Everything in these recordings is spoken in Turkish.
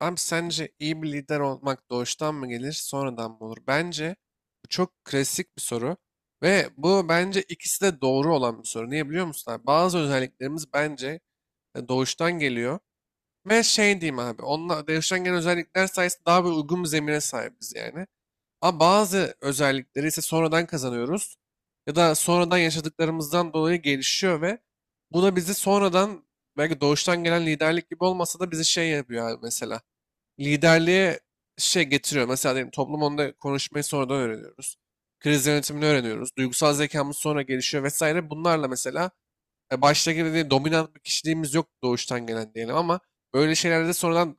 Abi sence iyi bir lider olmak doğuştan mı gelir, sonradan mı olur? Bence bu çok klasik bir soru ve bu bence ikisi de doğru olan bir soru. Niye biliyor musun abi? Bazı özelliklerimiz bence doğuştan geliyor ve şey diyeyim abi, onunla doğuştan gelen özellikler sayesinde daha bir uygun bir zemine sahibiz yani. Ama bazı özellikleri ise sonradan kazanıyoruz ya da sonradan yaşadıklarımızdan dolayı gelişiyor ve bu da bizi sonradan belki doğuştan gelen liderlik gibi olmasa da bizi şey yapıyor abi mesela liderliğe şey getiriyor. Mesela diyelim toplum onda konuşmayı sonradan öğreniyoruz. Kriz yönetimini öğreniyoruz. Duygusal zekamız sonra gelişiyor vesaire. Bunlarla mesela başta gibi değil, dominant bir kişiliğimiz yok doğuştan gelen diyelim ama böyle şeylerde de sonradan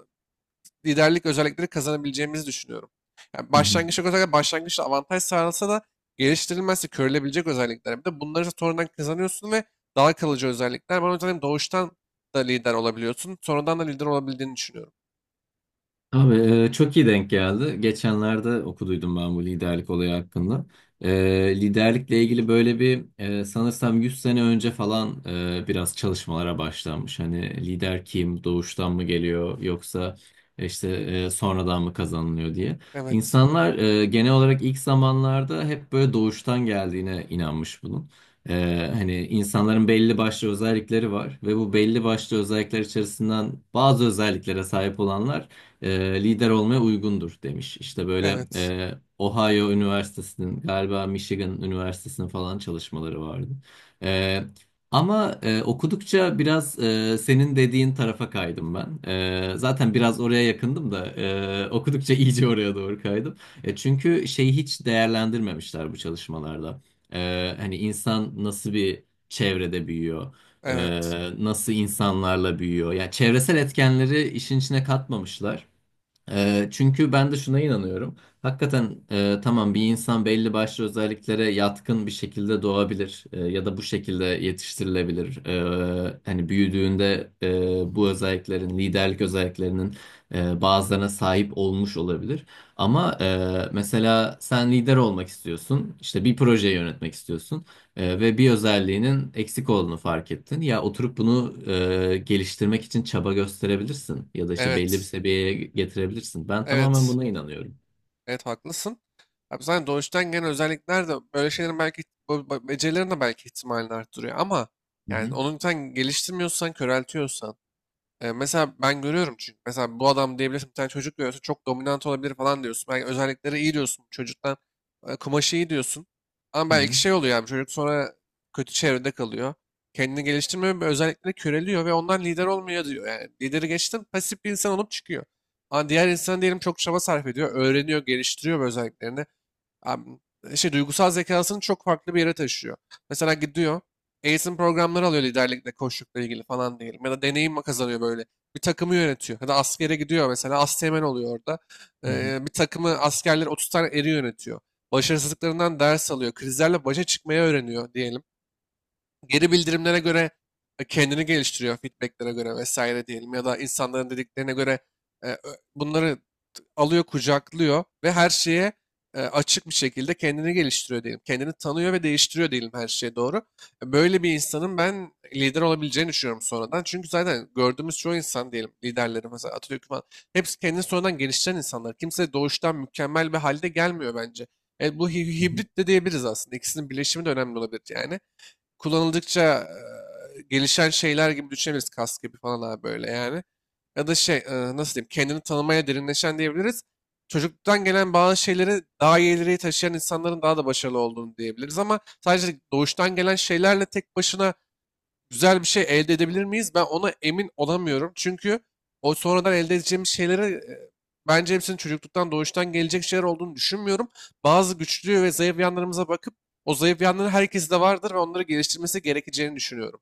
liderlik özellikleri kazanabileceğimizi düşünüyorum. Yani Hı hı. başlangıçta özellikle başlangıçta avantaj sağlansa da geliştirilmezse körülebilecek özellikler. Bir de bunları sonradan kazanıyorsun ve daha kalıcı özellikler. Ben o yüzden doğuştan da lider olabiliyorsun. Sonradan da lider olabildiğini düşünüyorum. Abi çok iyi denk geldi. Geçenlerde okuduydum ben bu liderlik olayı hakkında. Liderlikle ilgili böyle bir sanırsam 100 sene önce falan biraz çalışmalara başlanmış. Hani lider kim, doğuştan mı geliyor yoksa işte sonradan mı kazanılıyor diye. Evet. İnsanlar genel olarak ilk zamanlarda hep böyle doğuştan geldiğine inanmış bunun. Hani insanların belli başlı özellikleri var ve bu belli başlı özellikler içerisinden bazı özelliklere sahip olanlar lider olmaya uygundur demiş. İşte böyle, Evet. Ohio Üniversitesi'nin, galiba Michigan Üniversitesi'nin falan çalışmaları vardı. E, Ama okudukça biraz senin dediğin tarafa kaydım ben. Zaten biraz oraya yakındım da okudukça iyice oraya doğru kaydım. Çünkü şeyi hiç değerlendirmemişler bu çalışmalarda. Hani insan nasıl bir çevrede büyüyor? Evet. Nasıl insanlarla büyüyor. Yani çevresel etkenleri işin içine katmamışlar. Çünkü ben de şuna inanıyorum. Hakikaten tamam, bir insan belli başlı özelliklere yatkın bir şekilde doğabilir, ya da bu şekilde yetiştirilebilir. Hani büyüdüğünde bu özelliklerin, liderlik özelliklerinin bazılarına sahip olmuş olabilir. Ama mesela sen lider olmak istiyorsun, işte bir projeyi yönetmek istiyorsun. Ve bir özelliğinin eksik olduğunu fark ettin. Ya oturup bunu geliştirmek için çaba gösterebilirsin ya da işte belli bir Evet. seviyeye getirebilirsin. Ben tamamen Evet. buna inanıyorum. Evet, haklısın. Abi zaten doğuştan gelen özellikler de böyle şeylerin belki becerilerin de belki ihtimalini arttırıyor ama yani onu sen geliştirmiyorsan, köreltiyorsan. Mesela ben görüyorum çünkü mesela bu adam diyebilirsin, bir tane çocuk görüyorsun, çok dominant olabilir falan diyorsun. Belki özellikleri iyi diyorsun bu çocuktan, kumaşı iyi diyorsun. Ama Hı belki hı, şey oluyor, yani çocuk sonra kötü çevrede kalıyor. Kendini geliştirmiyor ve özellikleri köreliyor ve ondan lider olmuyor diyor. Yani lideri geçtim pasif bir insan olup çıkıyor. Ama diğer insan diyelim çok çaba sarf ediyor. Öğreniyor, geliştiriyor bu özelliklerini. Am- şey duygusal zekasını çok farklı bir yere taşıyor. Mesela gidiyor eğitim programları alıyor liderlikle, koçlukla ilgili falan diyelim. Ya da deneyim kazanıyor böyle. Bir takımı yönetiyor. Ya da askere gidiyor mesela. Asteğmen oluyor orada. hı hı, Bir takımı askerler 30 tane eri yönetiyor. Başarısızlıklarından ders alıyor. Krizlerle başa çıkmayı öğreniyor diyelim, geri bildirimlere göre kendini geliştiriyor, feedbacklere göre vesaire diyelim, ya da insanların dediklerine göre e, ö- bunları alıyor, kucaklıyor ve her şeye açık bir şekilde kendini geliştiriyor diyelim. Kendini tanıyor ve değiştiriyor diyelim her şeye doğru. Böyle bir insanın ben lider olabileceğini düşünüyorum sonradan. Çünkü zaten gördüğümüz çoğu insan diyelim, liderleri mesela Atatürk falan, hepsi kendini sonradan geliştiren insanlar. Kimse doğuştan mükemmel bir halde gelmiyor bence. Hı hı. Hibrit de diyebiliriz aslında. İkisinin birleşimi de önemli olabilir yani, kullanıldıkça gelişen şeyler gibi düşünebiliriz. Kas gibi falan abi, böyle yani. Ya da şey, nasıl diyeyim, kendini tanımaya derinleşen diyebiliriz. Çocukluktan gelen bazı şeyleri daha iyi ileriye taşıyan insanların daha da başarılı olduğunu diyebiliriz, ama sadece doğuştan gelen şeylerle tek başına güzel bir şey elde edebilir miyiz? Ben ona emin olamıyorum. Çünkü o sonradan elde edeceğimiz şeyleri e, bence hepsinin çocukluktan doğuştan gelecek şeyler olduğunu düşünmüyorum. Bazı güçlü ve zayıf yanlarımıza bakıp o zayıf yanları herkeste vardır ve onları geliştirmesi gerekeceğini düşünüyorum.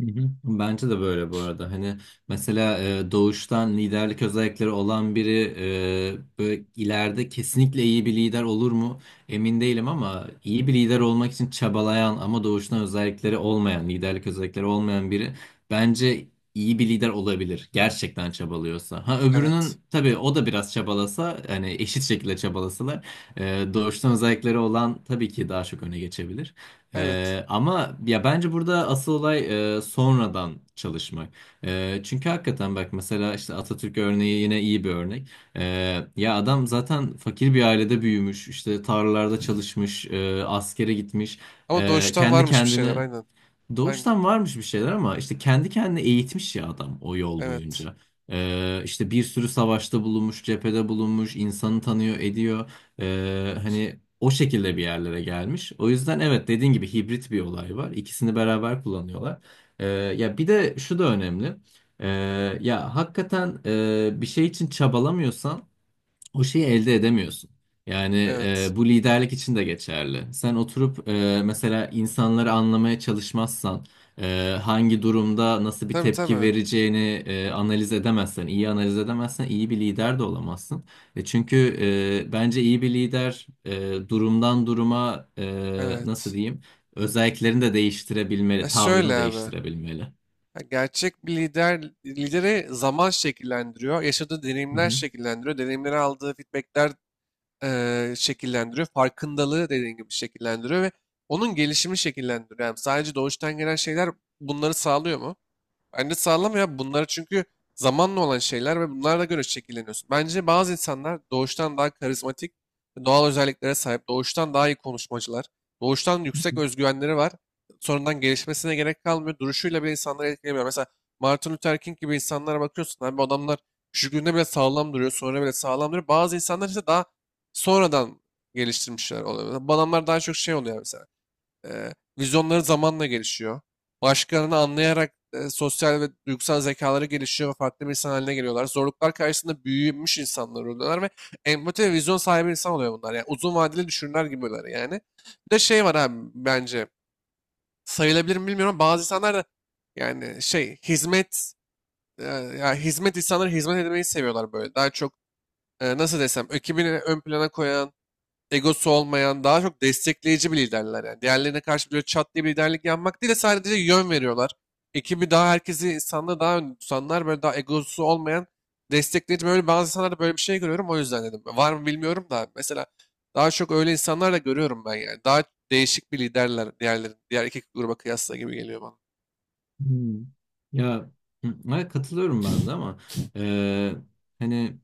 Hı hı. Bence de böyle bu arada. Hani mesela doğuştan liderlik özellikleri olan biri böyle ileride kesinlikle iyi bir lider olur mu? Emin değilim, ama iyi bir lider olmak için çabalayan ama doğuştan özellikleri olmayan, liderlik özellikleri olmayan biri bence iyi bir lider olabilir. Gerçekten çabalıyorsa. Ha Evet. öbürünün tabii, o da biraz çabalasa, hani eşit şekilde çabalasalar doğuştan özellikleri olan tabii ki daha çok öne geçebilir. Evet. Ama ya bence burada asıl olay sonradan çalışmak. Çünkü hakikaten bak, mesela işte Atatürk örneği yine iyi bir örnek. Ya adam zaten fakir bir ailede büyümüş, işte tarlalarda çalışmış, askere gitmiş, Ama doğuştan kendi varmış bir şeyler, kendine. aynen. Aynen. Doğuştan varmış bir şeyler, ama işte kendi kendine eğitmiş ya adam o yol Evet. boyunca. İşte bir sürü savaşta bulunmuş, cephede bulunmuş, insanı tanıyor, ediyor. Hani o şekilde bir yerlere gelmiş. O yüzden evet, dediğin gibi hibrit bir olay var. İkisini beraber kullanıyorlar. Ya bir de şu da önemli. Ee, Ya hakikaten bir şey için çabalamıyorsan o şeyi elde edemiyorsun. Yani Evet. Bu liderlik için de geçerli. Sen oturup mesela insanları anlamaya çalışmazsan, hangi durumda nasıl bir Tabii, tepki tabii. vereceğini analiz edemezsen, iyi analiz edemezsen iyi bir lider de olamazsın. Çünkü bence iyi bir lider durumdan duruma nasıl Evet. diyeyim, özelliklerini de E değiştirebilmeli, şöyle tavrını abi. değiştirebilmeli. Ya, gerçek bir lider, lideri zaman şekillendiriyor. Yaşadığı Hı deneyimler hı. şekillendiriyor. Deneyimleri, aldığı feedbackler şekillendiriyor. Farkındalığı, dediğin gibi, şekillendiriyor ve onun gelişimi şekillendiriyor. Yani sadece doğuştan gelen şeyler bunları sağlıyor mu? Bence sağlam ya bunlar, çünkü zamanla olan şeyler ve bunlara göre şekilleniyorsun. Bence bazı insanlar doğuştan daha karizmatik, doğal özelliklere sahip, doğuştan daha iyi konuşmacılar, doğuştan yüksek özgüvenleri var. Sonradan gelişmesine gerek kalmıyor. Duruşuyla bile insanları etkilemiyor. Mesela Martin Luther King gibi insanlara bakıyorsun abi, bu adamlar küçüklüğünde bile sağlam duruyor, sonra bile sağlam duruyor. Bazı insanlar ise daha sonradan geliştirmişler oluyor. Bu adamlar daha çok şey oluyor mesela. Eee, vizyonları zamanla gelişiyor. Başkalarını anlayarak sosyal ve duygusal zekaları gelişiyor ve farklı bir insan haline geliyorlar. Zorluklar karşısında büyümüş insanlar oluyorlar ve empati ve vizyon sahibi insan oluyor bunlar. Yani uzun vadeli düşünürler gibi oluyorlar yani. Bir de şey var abi, bence sayılabilir mi bilmiyorum. Bazı insanlar da yani şey, hizmet, e, ya hizmet insanları, hizmet etmeyi seviyorlar böyle. Daha çok nasıl desem, ekibini ön plana koyan, egosu olmayan, daha çok destekleyici bir liderler yani. Diğerlerine karşı böyle çat diye bir liderlik yapmak değil de sadece yön veriyorlar. Ekibi daha, herkesi, insanları daha önde tutanlar, böyle daha egosu olmayan, destekleyici, böyle bazı insanlarda böyle bir şey görüyorum, o yüzden dedim. Var mı bilmiyorum da mesela daha çok öyle insanlar da görüyorum ben yani. Daha değişik bir liderler diğerlerin, diğer iki gruba kıyasla gibi geliyor bana. Hmm. Ya hı, evet, katılıyorum ben de, ama e, hani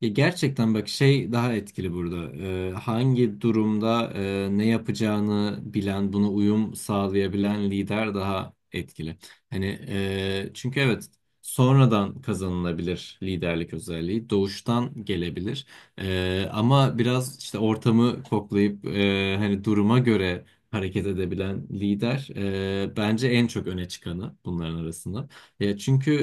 ya gerçekten bak, şey daha etkili burada. Hangi durumda ne yapacağını bilen, buna uyum sağlayabilen lider daha etkili. Hani çünkü evet, sonradan kazanılabilir liderlik özelliği, doğuştan gelebilir. Ama biraz işte ortamı koklayıp hani duruma göre hareket edebilen lider bence en çok öne çıkanı bunların arasında. Ya çünkü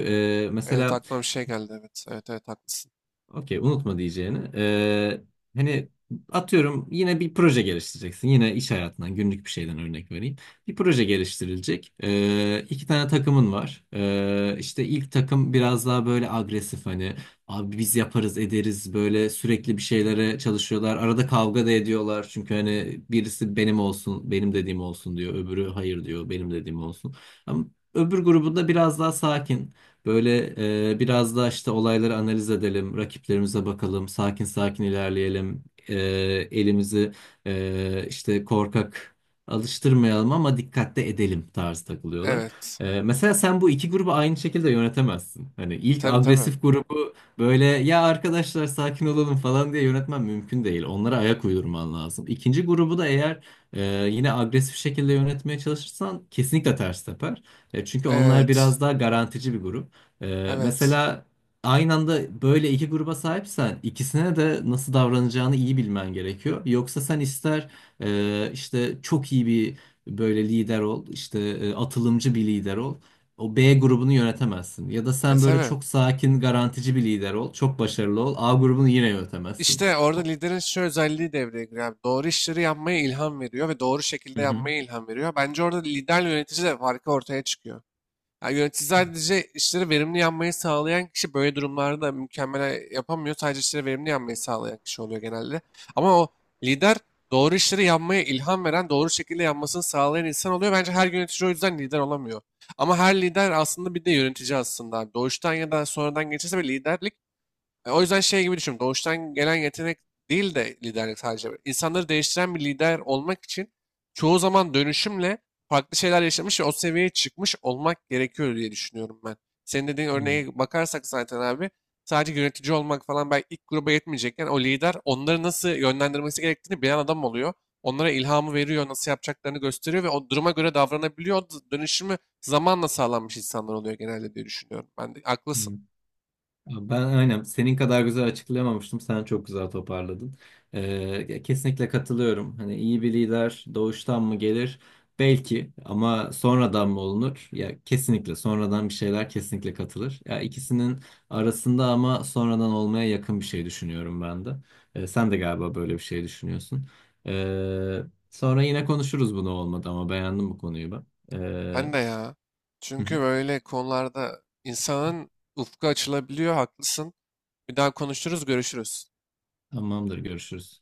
Evet, mesela. aklıma bir şey geldi, evet. Evet, evet, haklısın. Okey, unutma diyeceğini. Hani atıyorum, yine bir proje geliştireceksin. Yine iş hayatından, günlük bir şeyden örnek vereyim. Bir proje geliştirilecek. İki tane takımın var. İşte ilk takım biraz daha böyle agresif, hani abi biz yaparız ederiz, böyle sürekli bir şeylere çalışıyorlar. Arada kavga da ediyorlar. Çünkü hani birisi benim olsun, benim dediğim olsun diyor. Öbürü hayır diyor, benim dediğim olsun. Ama öbür grubunda biraz daha sakin. Böyle, biraz da işte olayları analiz edelim, rakiplerimize bakalım, sakin sakin ilerleyelim, elimizi işte korkak alıştırmayalım ama dikkatli edelim tarzı takılıyorlar. Evet. Mesela sen bu iki grubu aynı şekilde yönetemezsin. Hani ilk Tabii, tabii. agresif grubu böyle ya arkadaşlar sakin olalım falan diye yönetmen mümkün değil. Onlara ayak uydurman lazım. İkinci grubu da eğer e, yine agresif şekilde yönetmeye çalışırsan kesinlikle ters teper. Çünkü onlar Evet. biraz daha garantici bir grup. Evet. Mesela aynı anda böyle iki gruba sahipsen ikisine de nasıl davranacağını iyi bilmen gerekiyor. Yoksa sen ister işte çok iyi bir böyle lider ol, işte atılımcı bir lider ol. O B grubunu yönetemezsin. Ya da E sen böyle tabii. çok sakin, garantici bir lider ol, çok başarılı ol. A grubunu yine yönetemezsin. İşte orada liderin şu özelliği devreye giriyor, abi. Doğru işleri yapmaya ilham veriyor ve doğru Hı şekilde hı. yapmaya ilham veriyor. Bence orada liderle yönetici de farkı ortaya çıkıyor. Yani yönetici sadece işleri verimli yapmayı sağlayan kişi, böyle durumlarda mükemmel yapamıyor. Sadece işleri verimli yapmayı sağlayan kişi oluyor genelde. Ama o lider, doğru işleri yapmaya ilham veren, doğru şekilde yapmasını sağlayan insan oluyor. Bence her yönetici o yüzden lider olamıyor. Ama her lider aslında bir de yönetici aslında, abi. Doğuştan ya da sonradan geçirse bir liderlik, o yüzden şey gibi düşün. Doğuştan gelen yetenek değil de liderlik sadece. İnsanları değiştiren bir lider olmak için çoğu zaman dönüşümle farklı şeyler yaşamış ve o seviyeye çıkmış olmak gerekiyor diye düşünüyorum ben. Senin dediğin örneğe bakarsak zaten abi, sadece yönetici olmak falan belki ilk gruba yetmeyecekken, o lider onları nasıl yönlendirmesi gerektiğini bilen adam oluyor. Onlara ilhamı veriyor, nasıl yapacaklarını gösteriyor ve o duruma göre davranabiliyor. O dönüşümü zamanla sağlanmış insanlar oluyor genelde diye düşünüyorum. Ben de haklısın. Hı. Ben aynen senin kadar güzel açıklayamamıştım. Sen çok güzel toparladın. Ee, Kesinlikle katılıyorum. Hani iyi bir lider doğuştan mı gelir? Belki, ama sonradan mı olunur? Ya kesinlikle sonradan bir şeyler kesinlikle katılır. Ya ikisinin arasında, ama sonradan olmaya yakın bir şey düşünüyorum ben de. Sen de galiba böyle bir şey düşünüyorsun. Ee, Sonra yine konuşuruz bunu olmadı, ama beğendim bu konuyu ben. Ee, Ben de ya. hı Çünkü hı. böyle konularda insanın ufku açılabiliyor, haklısın. Bir daha konuşuruz, görüşürüz. Tamamdır, görüşürüz.